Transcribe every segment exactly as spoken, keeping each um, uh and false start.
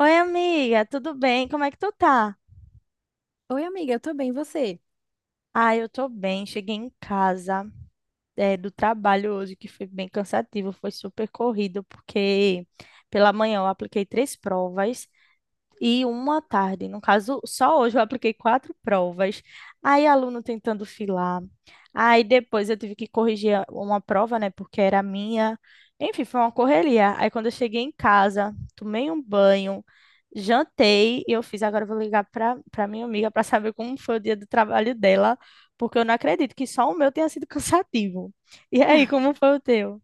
Oi, amiga, tudo bem? Como é que tu tá? Oi, amiga, eu tô bem, e você? Ah, eu tô bem. Cheguei em casa, eh, do trabalho hoje, que foi bem cansativo, foi super corrido, porque pela manhã eu apliquei três provas e uma à tarde. No caso, só hoje eu apliquei quatro provas. Aí, aluno tentando filar. Aí, depois eu tive que corrigir a- uma prova, né? Porque era minha. Enfim, foi uma correria. Aí, quando eu cheguei em casa, tomei um banho, jantei e eu fiz. Agora, eu vou ligar para para minha amiga para saber como foi o dia do trabalho dela, porque eu não acredito que só o meu tenha sido cansativo. E aí, como foi o teu?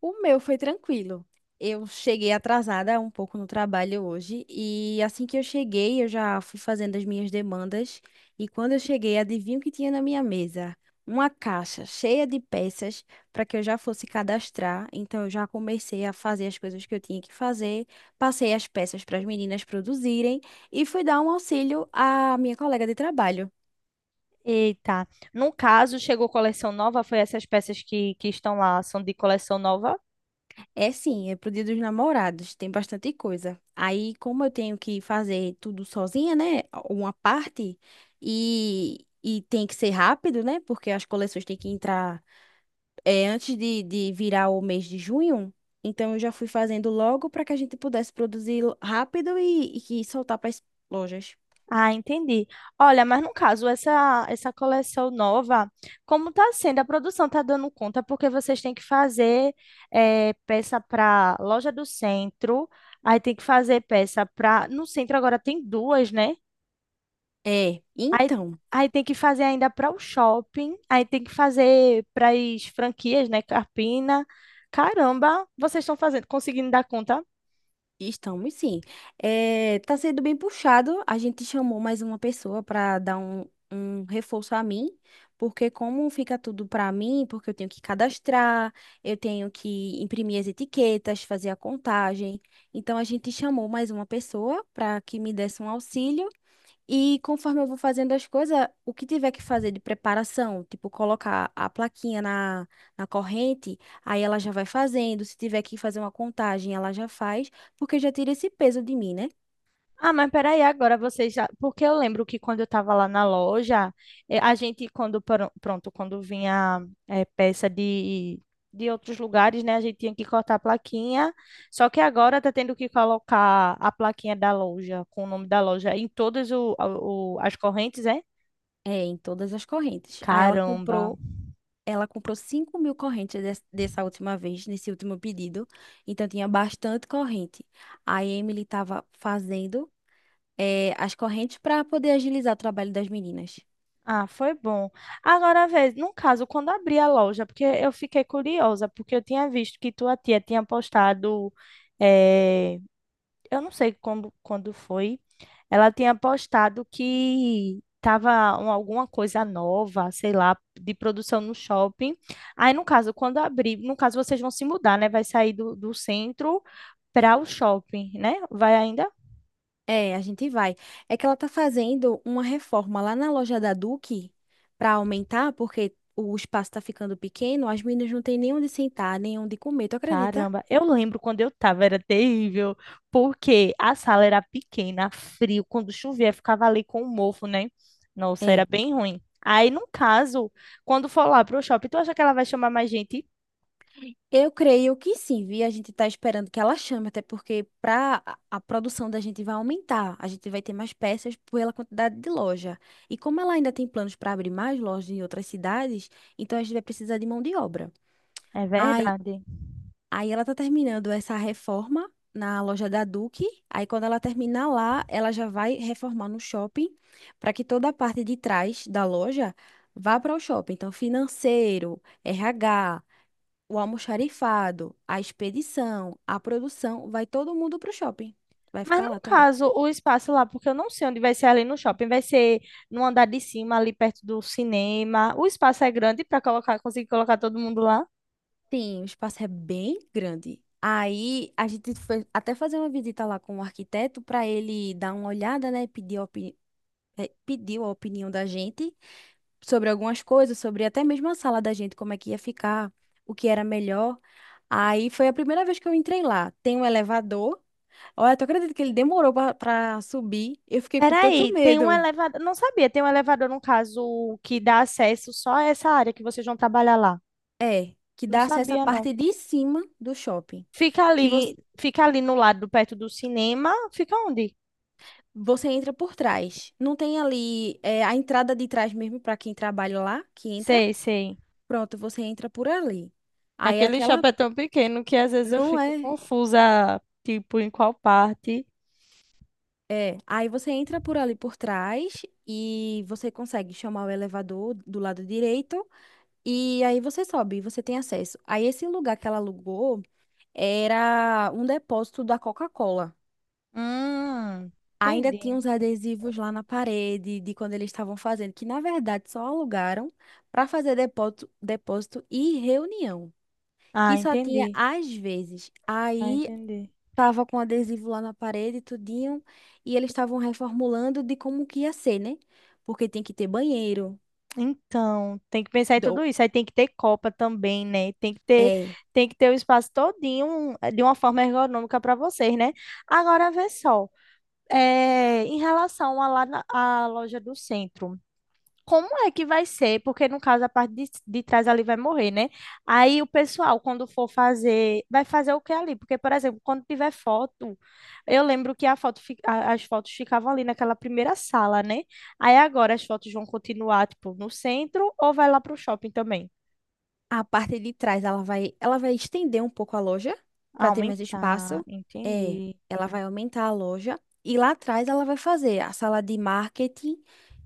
O meu foi tranquilo. Eu cheguei atrasada um pouco no trabalho hoje e assim que eu cheguei, eu já fui fazendo as minhas demandas e quando eu cheguei, adivinha o que tinha na minha mesa? Uma caixa cheia de peças para que eu já fosse cadastrar. Então eu já comecei a fazer as coisas que eu tinha que fazer, passei as peças para as meninas produzirem e fui dar um auxílio à minha colega de trabalho. Eita. No caso, chegou coleção nova, foi essas peças que, que estão lá, são de coleção nova? É sim, é pro Dia dos Namorados, tem bastante coisa. Aí, como eu tenho que fazer tudo sozinha, né? Uma parte, e, e tem que ser rápido, né? Porque as coleções têm que entrar é, antes de, de virar o mês de junho. Então, eu já fui fazendo logo para que a gente pudesse produzir rápido e, e que soltar para as lojas. Ah, entendi. Olha, mas no caso, essa, essa coleção nova, como tá sendo? A produção tá dando conta, porque vocês têm que fazer eh, peça para loja do centro, aí tem que fazer peça para. No centro agora tem duas, né? É, Aí, então. aí tem que fazer ainda para o shopping, aí tem que fazer para as franquias, né? Carpina. Caramba, vocês estão fazendo, conseguindo dar conta? Estamos sim. É tá sendo bem puxado. A gente chamou mais uma pessoa para dar um, um reforço a mim, porque como fica tudo para mim, porque eu tenho que cadastrar, eu tenho que imprimir as etiquetas, fazer a contagem. Então a gente chamou mais uma pessoa para que me desse um auxílio. E conforme eu vou fazendo as coisas, o que tiver que fazer de preparação, tipo colocar a plaquinha na, na corrente, aí ela já vai fazendo. Se tiver que fazer uma contagem, ela já faz, porque já tira esse peso de mim, né? Ah, mas peraí, agora vocês já. Porque eu lembro que quando eu estava lá na loja, eh, a gente, quando, pro- pronto, quando vinha eh, peça de, de outros lugares, né, a gente tinha que cortar a plaquinha. Só que agora tá tendo que colocar a plaquinha da loja, com o nome da loja, em todas o, a- o- as correntes, é? É, em todas as correntes. Aí ela Caramba. comprou, ela comprou cinco mil correntes des- dessa última vez, nesse último pedido. Então tinha bastante corrente. Aí a Emily estava fazendo, eh, as correntes para poder agilizar o trabalho das meninas. Ah, foi bom. Agora, vez, no caso, quando abri a loja, porque eu fiquei curiosa, porque eu tinha visto que tua tia tinha postado, eh, eu não sei quando, quando foi, ela tinha postado que tava um- alguma coisa nova, sei lá, de produção no shopping. Aí, no caso, quando abrir, no caso, vocês vão se mudar, né? Vai sair do, do centro para o shopping, né? Vai ainda? É, a gente vai. É que ela tá fazendo uma reforma lá na loja da Duque para aumentar, porque o espaço tá ficando pequeno, as meninas não têm nem onde sentar, nem onde comer, tu acredita? Caramba, eu lembro quando eu tava, era terrível, porque a sala era pequena, frio, quando chovia ficava ali com o mofo, né? Nossa, era É. bem ruim. Aí, no caso, quando for lá pro shopping, tu acha que ela vai chamar mais gente? Eu creio que sim, vi. A gente tá esperando que ela chame, até porque pra a a produção da gente vai aumentar. A gente vai ter mais peças pela quantidade de loja. E como ela ainda tem planos para abrir mais lojas em outras cidades, então a gente vai precisar de mão de obra. É Ai, verdade. Aí ela tá terminando essa reforma na loja da Duque. Aí quando ela terminar lá, ela já vai reformar no shopping para que toda a parte de trás da loja vá para o shopping. Então, financeiro, R H, o almoxarifado, a expedição, a produção, vai todo mundo para o shopping. Vai Mas ficar no lá também. caso, o espaço lá, porque eu não sei onde vai ser ali no shopping, vai ser no andar de cima, ali perto do cinema. O espaço é grande para colocar, conseguir colocar todo mundo lá. Sim, o espaço é bem grande. Aí a gente foi até fazer uma visita lá com o arquiteto para ele dar uma olhada, né? Pedir a opini- eh, pediu a opinião da gente sobre algumas coisas, sobre até mesmo a sala da gente, como é que ia ficar, o que era melhor. Aí foi a primeira vez que eu entrei lá. Tem um elevador. Olha, tu acredita que ele demorou pra pra subir? Eu fiquei com tanto Peraí, tem um medo. elevador. Não sabia, tem um elevador, no caso, que dá acesso só a essa área que vocês vão trabalhar lá. É, que Não dá acesso à sabia, não. parte de cima do shopping, Fica que você, ali, fica ali no lado, perto do cinema. Fica onde? você entra por trás. Não tem ali é, a entrada de trás mesmo para quem trabalha lá, que entra. Sei, sei. Pronto, você entra por ali. Aí Aquele aquela shopping é tão pequeno que às vezes eu não fico é. confusa, tipo, em qual parte. É, aí você entra por ali por trás e você consegue chamar o elevador do lado direito e aí você sobe, você tem acesso. Aí esse lugar que ela alugou era um depósito da Coca-Cola. Hum, Ainda tinha entendi. uns adesivos lá na parede de quando eles estavam fazendo, que na verdade só alugaram para fazer depósito, depósito e reunião, Ah, que só tinha entendi. às vezes. Ah, Aí entendi. Tava com adesivo lá na parede, tudinho, e eles estavam reformulando de como que ia ser, né? Porque tem que ter banheiro, Então, tem que pensar em do, tudo isso. Aí tem que ter copa também, né? Tem que ter, é, tem que ter o espaço todinho eh, de uma forma ergonômica para vocês, né? Agora, vê só. eh, em relação à lá na- à loja do centro. Como é que vai ser? Porque no caso a parte de, de trás ali vai morrer, né? Aí o pessoal, quando for fazer, vai fazer o que ali? Porque, por exemplo, quando tiver foto, eu lembro que a foto, fi- a- as fotos ficavam ali naquela primeira sala, né? Aí agora as fotos vão continuar, tipo, no centro ou vai lá pro shopping também? a parte de trás, ela vai, ela vai estender um pouco a loja para ter mais Aumentar, espaço. É, entendi. ela vai aumentar a loja e lá atrás ela vai fazer a sala de marketing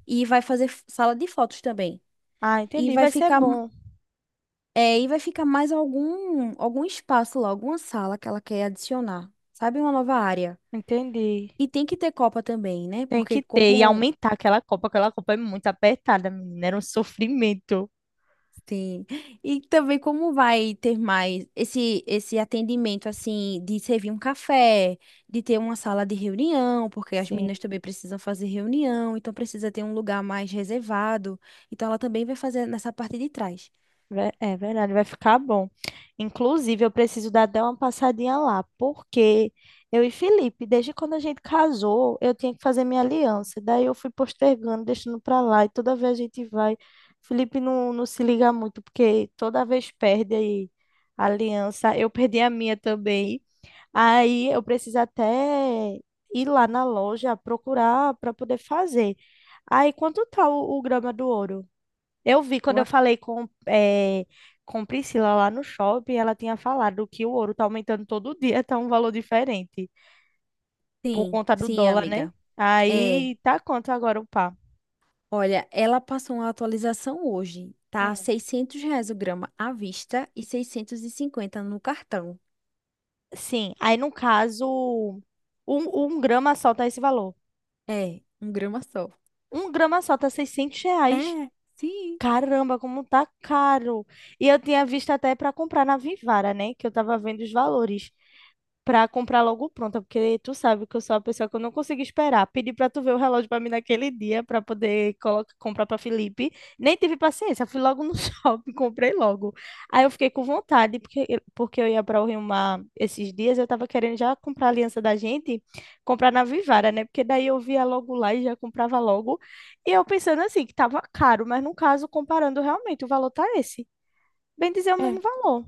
e vai fazer f- sala de fotos também. Ah, E entendi, vai vai ser ficar, bom. é, e vai ficar mais algum algum espaço lá, alguma sala que ela quer adicionar. Sabe, uma nova área. Entendi. E tem que ter copa também, né? Tem Porque que ter e como aumentar aquela copa, aquela copa é muito apertada, menina, era um sofrimento. sim. E também como vai ter mais esse esse atendimento assim de servir um café, de ter uma sala de reunião, porque as Sim. meninas também precisam fazer reunião, então precisa ter um lugar mais reservado. Então ela também vai fazer nessa parte de trás. Ve- É verdade, vai ficar bom. Inclusive, eu preciso dar até uma passadinha lá, porque eu e Felipe, desde quando a gente casou, eu tinha que fazer minha aliança. Daí eu fui postergando, deixando pra lá, e toda vez a gente vai. Felipe não, não se liga muito, porque toda vez perde aí a aliança. Eu perdi a minha também. Aí eu preciso até ir lá na loja procurar para poder fazer. Aí, quanto tá o, o grama do ouro? Eu vi quando Eu eu ac- falei com, eh, com Priscila lá no shopping, ela tinha falado que o ouro tá aumentando todo dia, tá um valor diferente, por Sim, conta do sim, dólar, né? amiga. É, Aí tá quanto agora o pá? olha, ela passou uma atualização hoje. Tá Hum. seiscentos reais o grama à vista e seiscentos e cinquenta no cartão. Sim, aí no caso, um, um grama só tá esse valor. É, um grama só. Um grama só tá seiscentos reais. É, sim, Caramba, como tá caro. E eu tinha visto até para comprar na Vivara, né? Que eu tava vendo os valores. Pra comprar logo pronta, porque tu sabe que eu sou a pessoa que eu não consigo esperar. Pedi pra tu ver o relógio pra mim naquele dia, pra poder colocar, comprar pra Felipe. Nem tive paciência, fui logo no shopping, comprei logo. Aí eu fiquei com vontade, porque, porque eu ia pra o Rio Mar esses dias, eu tava querendo já comprar a aliança da gente, comprar na Vivara, né? Porque daí eu via logo lá e já comprava logo. E eu pensando assim, que tava caro, mas no caso, comparando realmente, o valor tá esse. Bem dizer, o é. mesmo valor.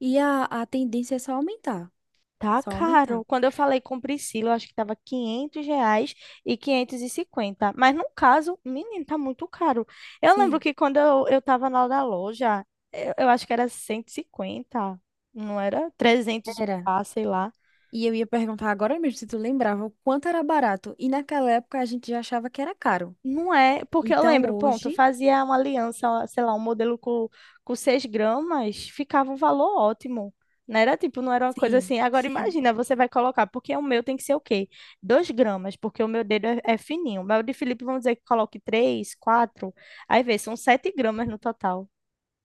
E a, a tendência é só aumentar, Tá só caro. aumentar. Quando eu falei com Priscila, eu acho que tava quinhentos reais e quinhentos e cinquenta. Mas no caso, menino, tá muito caro. Eu lembro Sim, que quando eu, eu tava lá da loja, eu, eu acho que era cento e cinquenta, não era? Trezentos o era. par, sei lá. E eu ia perguntar agora mesmo se tu lembrava o quanto era barato. E naquela época a gente já achava que era caro. Não é, porque eu Então lembro, ponto, eu hoje, fazia uma aliança, sei lá, um modelo com, com seis gramas, ficava um valor ótimo. Não era tipo, não era uma coisa sim, assim. Agora sim, imagina, você vai colocar, porque o meu tem que ser o quê? Dois gramas, porque o meu dedo é, é fininho. Mas o de Felipe, vamos dizer que coloque três, quatro, aí vê, são sete gramas no total.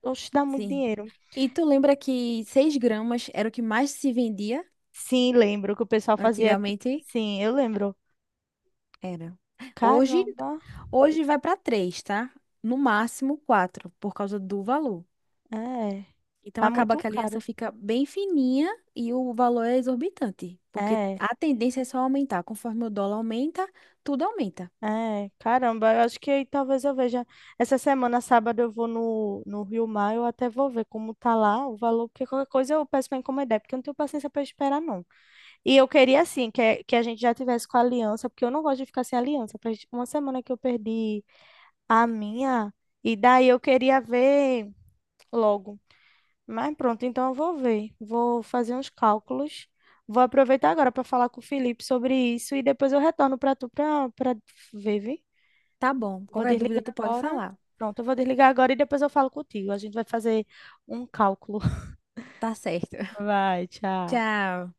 Oxe, dá muito sim. dinheiro. E tu lembra que seis gramas era o que mais se vendia Sim, lembro que o pessoal fazia. t- antigamente? Sim, eu lembro. Era. Hoje, Caramba, hoje vai para três, tá? No máximo quatro por causa do valor. é, Então tá acaba muito que a aliança caro. fica bem fininha e o valor é exorbitante, porque É. a tendência é só aumentar. Conforme o dólar aumenta, tudo aumenta. É, caramba, eu acho que aí talvez eu veja. Essa semana, sábado, eu vou no, no Rio Mar, eu até vou ver como tá lá o valor, porque qualquer coisa eu peço para encomendar, porque eu não tenho paciência para esperar, não. E eu queria, assim, que, que a gente já tivesse com a aliança, porque eu não gosto de ficar sem aliança. Faz uma semana que eu perdi a minha, e daí eu queria ver logo. Mas pronto, então eu vou ver. Vou fazer uns cálculos. Vou aproveitar agora para falar com o Felipe sobre isso e depois eu retorno para tu para para ver, viu? Tá bom. Vou Qualquer desligar dúvida tu pode agora. falar. Pronto, eu vou desligar agora e depois eu falo contigo. A gente vai fazer um cálculo. Tá certo. Vai, tchau. Tchau.